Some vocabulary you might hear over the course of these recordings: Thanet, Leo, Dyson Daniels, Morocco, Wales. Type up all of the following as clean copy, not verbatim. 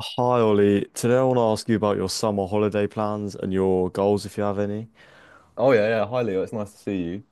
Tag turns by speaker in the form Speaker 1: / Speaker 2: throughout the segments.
Speaker 1: Hi Ollie, today I want to ask you about your summer holiday plans and your goals if you have any.
Speaker 2: Oh yeah, yeah. Hi Leo, it's nice to see you.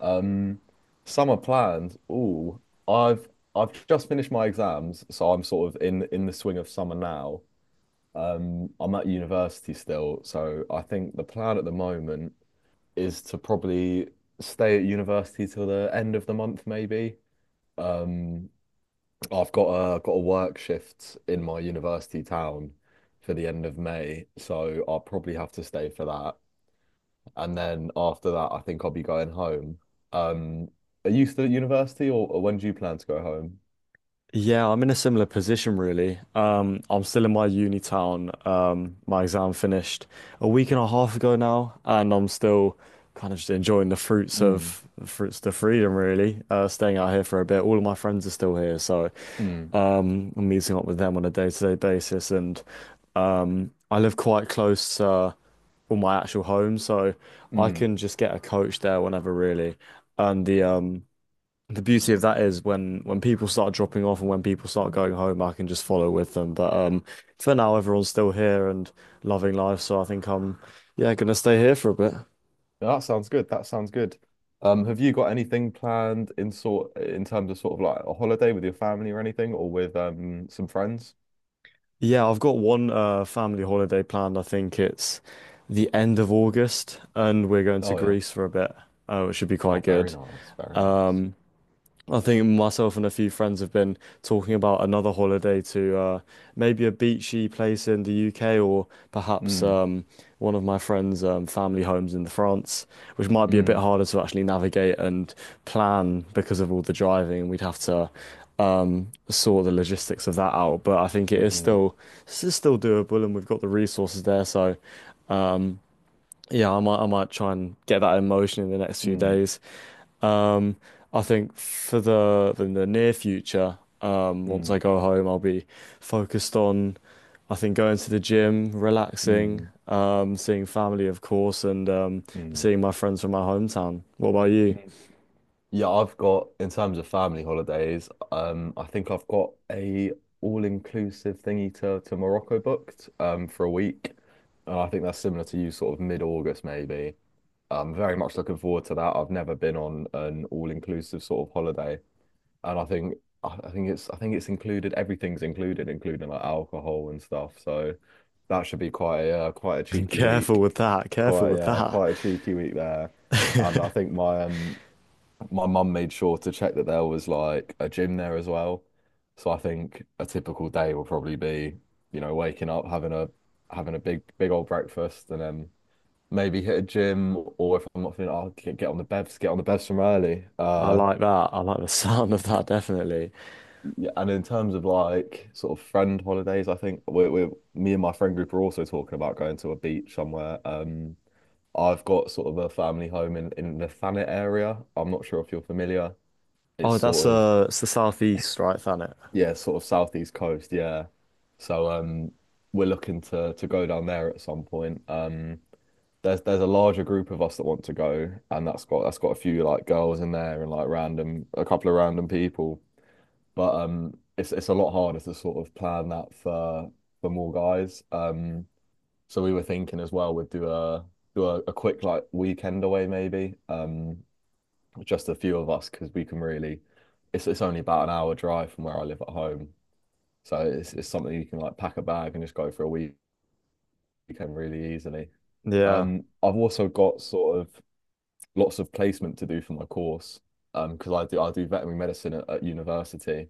Speaker 2: Um, Summer plans. Oh, I've I've just finished my exams, so I'm sort of in the swing of summer now. I'm at university still, so I think the plan at the moment is to probably stay at university till the end of the month, maybe. Um, I've got a work shift in my university town for the end of May, so I'll probably have to stay for that and then after that, I think I'll be going home. Um, are you still at university, or when do you plan to go home?
Speaker 1: Yeah, I'm in a similar position really. I'm still in my uni town. My exam finished a week and a half ago now, and I'm still kind of just enjoying the fruits
Speaker 2: Mm,
Speaker 1: of freedom really. Staying out here for a bit. All of my friends are still here, so
Speaker 2: mm,
Speaker 1: I'm meeting up with them on a day-to-day basis, and I live quite close to well, my actual home, so I
Speaker 2: mm.
Speaker 1: can just get a coach there whenever, really. And the beauty of that is when people start dropping off and when people start going home, I can just follow with them. But for now, everyone's still here and loving life, so I think I'm yeah gonna stay here for a bit.
Speaker 2: Yeah, that sounds good. That sounds good. Have you got anything planned in sort in terms of sort of like a holiday with your family or anything, or with some friends?
Speaker 1: Yeah, I've got one family holiday planned. I think it's the end of August, and we're going to
Speaker 2: Oh yeah.
Speaker 1: Greece for a bit, which should be
Speaker 2: Oh,
Speaker 1: quite
Speaker 2: very
Speaker 1: good.
Speaker 2: nice. Very nice.
Speaker 1: Um, I think myself and a few friends have been talking about another holiday to maybe a beachy place in the UK, or perhaps
Speaker 2: Mm,
Speaker 1: one of my friends' family homes in France, which might be a bit
Speaker 2: mm,
Speaker 1: harder to actually navigate and plan because of all the driving. We'd have to sort the logistics of that out, but I think it is
Speaker 2: mm,
Speaker 1: still this is still doable, and we've got the resources there. So um, yeah, I might try and get that in motion in the next few
Speaker 2: mm,
Speaker 1: days. Um, I think for the near future, once
Speaker 2: mm,
Speaker 1: I go home, I'll be focused on I think going to the gym, relaxing,
Speaker 2: mm,
Speaker 1: seeing family, of course, and
Speaker 2: mm,
Speaker 1: seeing my friends from my hometown. What about you?
Speaker 2: mm. Yeah, I've got, in terms of family holidays, I think I've got a all-inclusive thingy to Morocco booked for a week. And I think that's similar to you, sort of mid-August maybe. I'm very much looking forward to that. I've never been on an all-inclusive sort of holiday, and I think it's included. Everything's included, including like alcohol and stuff. So that should be quite a quite a cheeky
Speaker 1: Careful
Speaker 2: week.
Speaker 1: with that. Careful
Speaker 2: Quite
Speaker 1: with
Speaker 2: yeah,
Speaker 1: that.
Speaker 2: quite a cheeky week there. And I think my mum made sure to check that there was like a gym there as well. So I think a typical day will probably be, you know, waking up, having a big old breakfast and then maybe hit a gym or if I'm not feeling, I'll get on the bevs, get on the bevs from early.
Speaker 1: I like that. I like the sound of that, definitely.
Speaker 2: Yeah, and in terms of like sort of friend holidays, we're me and my friend group are also talking about going to a beach somewhere. I've got sort of a family home in the Thanet area. I'm not sure if you're familiar. It's
Speaker 1: Oh, that's
Speaker 2: sort of
Speaker 1: it's the southeast, right, Thanet?
Speaker 2: yeah, sort of southeast coast, yeah. So we're looking to go down there at some point. There's a larger group of us that want to go and that's got a few like girls in there and like random a couple of random people. But it's a lot harder to sort of plan that for more guys. So we were thinking as well we'd do a quick like weekend away maybe. Just a few of us because we can really it's only about an hour drive from where I live at home. So it's something you can like pack a bag and just go for a weekend really easily.
Speaker 1: Yeah.
Speaker 2: I've also got sort of lots of placement to do for my course because I do veterinary medicine at university.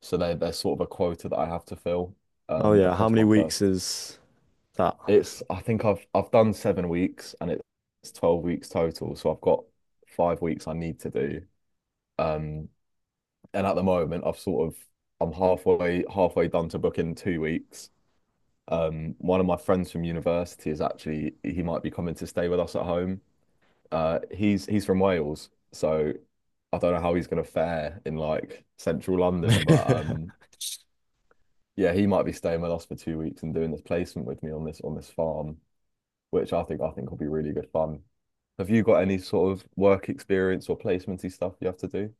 Speaker 2: So there's sort of a quota that I have to fill
Speaker 1: Oh, yeah. How
Speaker 2: across
Speaker 1: many
Speaker 2: my
Speaker 1: weeks
Speaker 2: first.
Speaker 1: is that?
Speaker 2: It's I think I've done 7 weeks and it's 12 weeks total. So I've got 5 weeks I need to do. Um, and at the moment I've sort of I'm halfway done to book in 2 weeks. One of my friends from university is actually he might be coming to stay with us at home. He's from Wales, so I don't know how he's gonna fare in like central London, but yeah, he might be staying with us for 2 weeks and doing this placement with me on this farm, which I think will be really good fun. Have you got any sort of work experience or placementy stuff you have to do?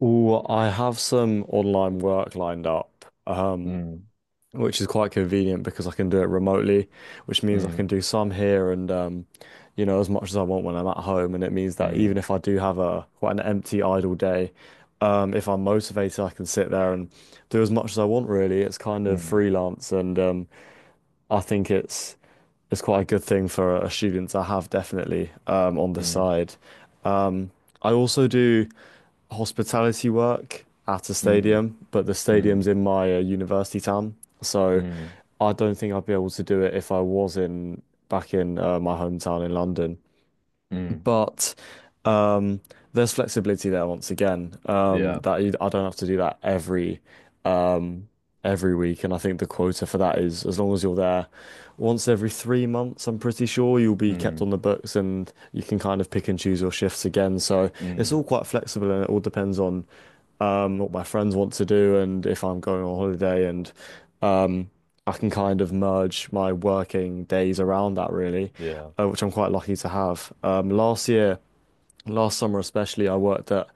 Speaker 1: Oh, I have some online work lined up,
Speaker 2: Mm,
Speaker 1: which is quite convenient because I can do it remotely, which means I
Speaker 2: mm,
Speaker 1: can do some here and you know, as much as I want when I'm at home. And it means that even
Speaker 2: mm,
Speaker 1: if I do have a quite an empty, idle day, if I'm motivated, I can sit there and do as much as I want, really. It's kind of
Speaker 2: mm,
Speaker 1: freelance and I think it's quite a good thing for a student to have definitely on the
Speaker 2: mm,
Speaker 1: side. Um, I also do hospitality work at a
Speaker 2: mm,
Speaker 1: stadium, but the stadium's
Speaker 2: mm,
Speaker 1: in my university town,
Speaker 2: mm,
Speaker 1: so
Speaker 2: mm.
Speaker 1: I don't think I'd be able to do it if I was in back in my hometown in London,
Speaker 2: Mm.
Speaker 1: but um, there's flexibility there once again.
Speaker 2: Yeah.
Speaker 1: I don't have to do that um, every week, and I think the quota for that is as long as you're there once every 3 months. I'm pretty sure you'll be kept
Speaker 2: Mm,
Speaker 1: on the books, and you can kind of pick and choose your shifts again. So it's
Speaker 2: mm,
Speaker 1: all quite flexible, and it all depends on what my friends want to do and if I'm going on holiday, and um, I can kind of merge my working days around that really,
Speaker 2: yeah.
Speaker 1: which I'm quite lucky to have. Last summer especially, I worked at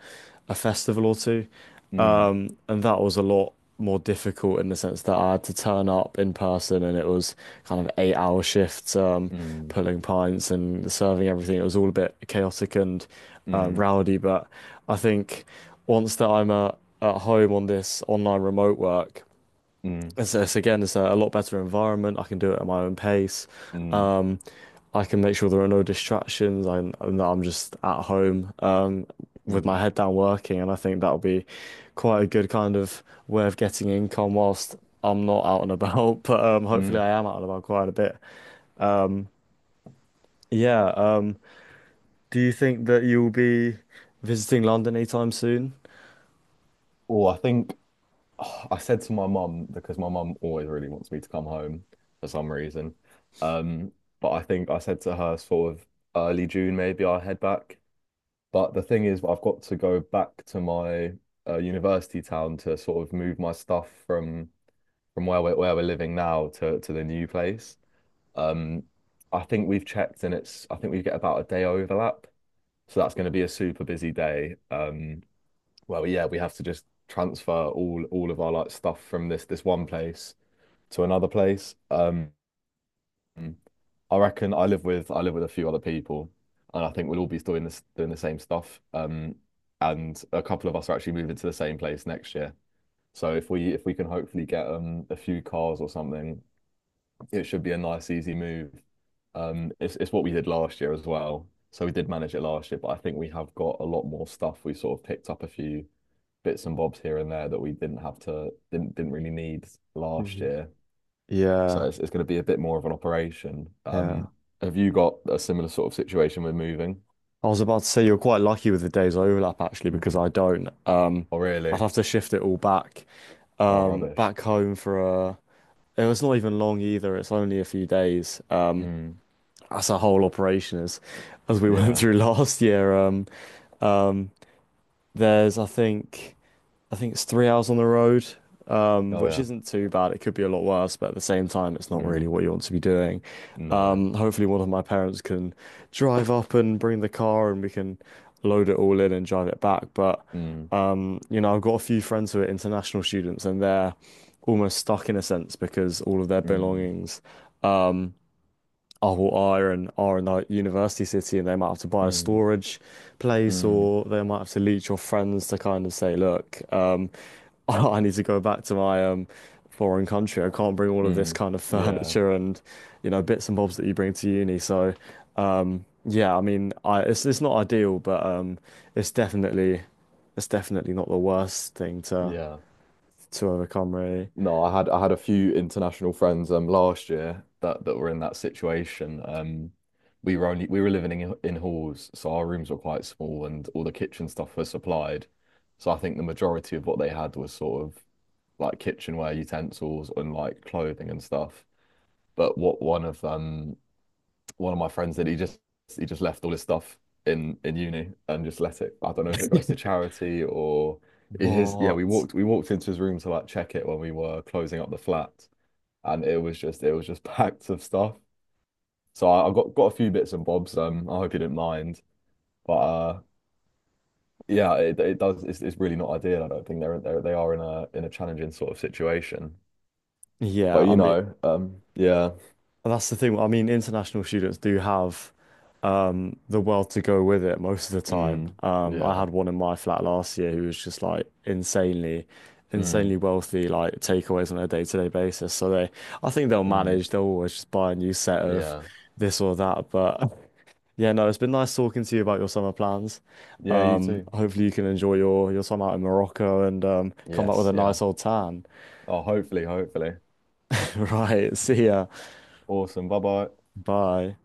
Speaker 1: a festival or two,
Speaker 2: Mm,
Speaker 1: and that was a lot more difficult in the sense that I had to turn up in person, and it was kind of eight-hour shifts,
Speaker 2: mm,
Speaker 1: pulling pints and serving everything. It was all a bit chaotic and
Speaker 2: mm,
Speaker 1: rowdy, but I think once that I'm at home on this online remote work.
Speaker 2: mm,
Speaker 1: It's again, it's a lot better environment. I can do it at my own pace.
Speaker 2: mm,
Speaker 1: Um, I can make sure there are no distractions. And that I'm just at home with my
Speaker 2: mm,
Speaker 1: head down working, and I think that'll be quite a good kind of way of getting income whilst I'm not out and about. But hopefully,
Speaker 2: mm.
Speaker 1: I am out and about quite a bit. Yeah. Do you think that you'll be visiting London anytime soon?
Speaker 2: Oh, I think I said to my mum because my mum always really wants me to come home for some reason. Um, but I think I said to her sort of early June maybe I'll head back. But the thing is, I've got to go back to my university town to sort of move my stuff from where we're living now to the new place. Um, I think we've checked and it's I think we get about a day overlap. So that's going to be a super busy day. Well, yeah, we have to just transfer all of our like stuff from this one place to another place. I reckon I live with a few other people, and I think we'll all be doing the same stuff. And a couple of us are actually moving to the same place next year. So if we can hopefully get a few cars or something it should be a nice, easy move. It's what we did last year as well. So we did manage it last year, but I think we have got a lot more stuff. We sort of picked up a few bits and bobs here and there that we didn't have to didn't really need last
Speaker 1: Mhm.
Speaker 2: year. So
Speaker 1: Yeah.
Speaker 2: it's going to be a bit more of an operation.
Speaker 1: Yeah.
Speaker 2: Have you got a similar sort of situation with moving?
Speaker 1: I was about to say you're quite lucky with the days overlap actually because
Speaker 2: Mm.
Speaker 1: I don't.
Speaker 2: Oh,
Speaker 1: I'd
Speaker 2: really?
Speaker 1: have to shift it all back
Speaker 2: Oh, rubbish.
Speaker 1: back home for a. It was not even long either. It's only a few days.
Speaker 2: Mm.
Speaker 1: That's a whole operation as we went
Speaker 2: Yeah.
Speaker 1: through last year. Um, there's I think. I think it's 3 hours on the road,
Speaker 2: Oh,
Speaker 1: which
Speaker 2: yeah.
Speaker 1: isn't too bad. It could be a lot worse, but at the same time, it's not
Speaker 2: Mm.
Speaker 1: really what you want to be doing.
Speaker 2: No.
Speaker 1: Hopefully, one of my parents can drive up and bring the car, and we can load it all in and drive it back. But
Speaker 2: Mm.
Speaker 1: you know, I've got a few friends who are international students, and they're almost stuck in a sense because all of their
Speaker 2: Mm.
Speaker 1: belongings. um, oh, well, are in a university city, and they might have to buy a
Speaker 2: Mm.
Speaker 1: storage place,
Speaker 2: Mm.
Speaker 1: or they might have to leech your friends to kind of say, look, I need to go back to my foreign country. I can't bring all of this
Speaker 2: Mm.
Speaker 1: kind of
Speaker 2: Yeah.
Speaker 1: furniture and you know bits and bobs that you bring to uni. So, yeah, I mean, I it's not ideal, but it's definitely it's definitely not the worst thing to
Speaker 2: Yeah.
Speaker 1: overcome, really.
Speaker 2: No, I had a few international friends last year that were in that situation. We were living in halls, so our rooms were quite small, and all the kitchen stuff was supplied. So I think the majority of what they had was sort of like kitchenware utensils and like clothing and stuff. But what one of my friends did, he just left all his stuff in uni and just let it. I don't know if it goes to charity or. His, yeah,
Speaker 1: What?
Speaker 2: we walked into his room to like check it when we were closing up the flat, and it was just packed of stuff. So I got a few bits and bobs. I hope you didn't mind, but yeah, it does. It's really not ideal. I don't think they are in a challenging sort of situation. But
Speaker 1: Yeah, I
Speaker 2: you
Speaker 1: mean.
Speaker 2: know,
Speaker 1: And that's the thing. I mean, international students do have the world to go with it most of the time.
Speaker 2: mm,
Speaker 1: I
Speaker 2: yeah,
Speaker 1: had one in my flat last year who was just like insanely
Speaker 2: mm,
Speaker 1: wealthy, like takeaways on a day-to-day basis. So they, I think they'll
Speaker 2: mm,
Speaker 1: manage. They'll always just buy a new set of
Speaker 2: yeah,
Speaker 1: this or that. But yeah, no, it's been nice talking to you about your summer plans.
Speaker 2: yeah. You too.
Speaker 1: Hopefully you can enjoy your time out in Morocco and come back with
Speaker 2: Yes,
Speaker 1: a
Speaker 2: yeah.
Speaker 1: nice old tan.
Speaker 2: Oh, hopefully, hopefully.
Speaker 1: Right. See ya.
Speaker 2: Awesome. Bye bye.
Speaker 1: Bye.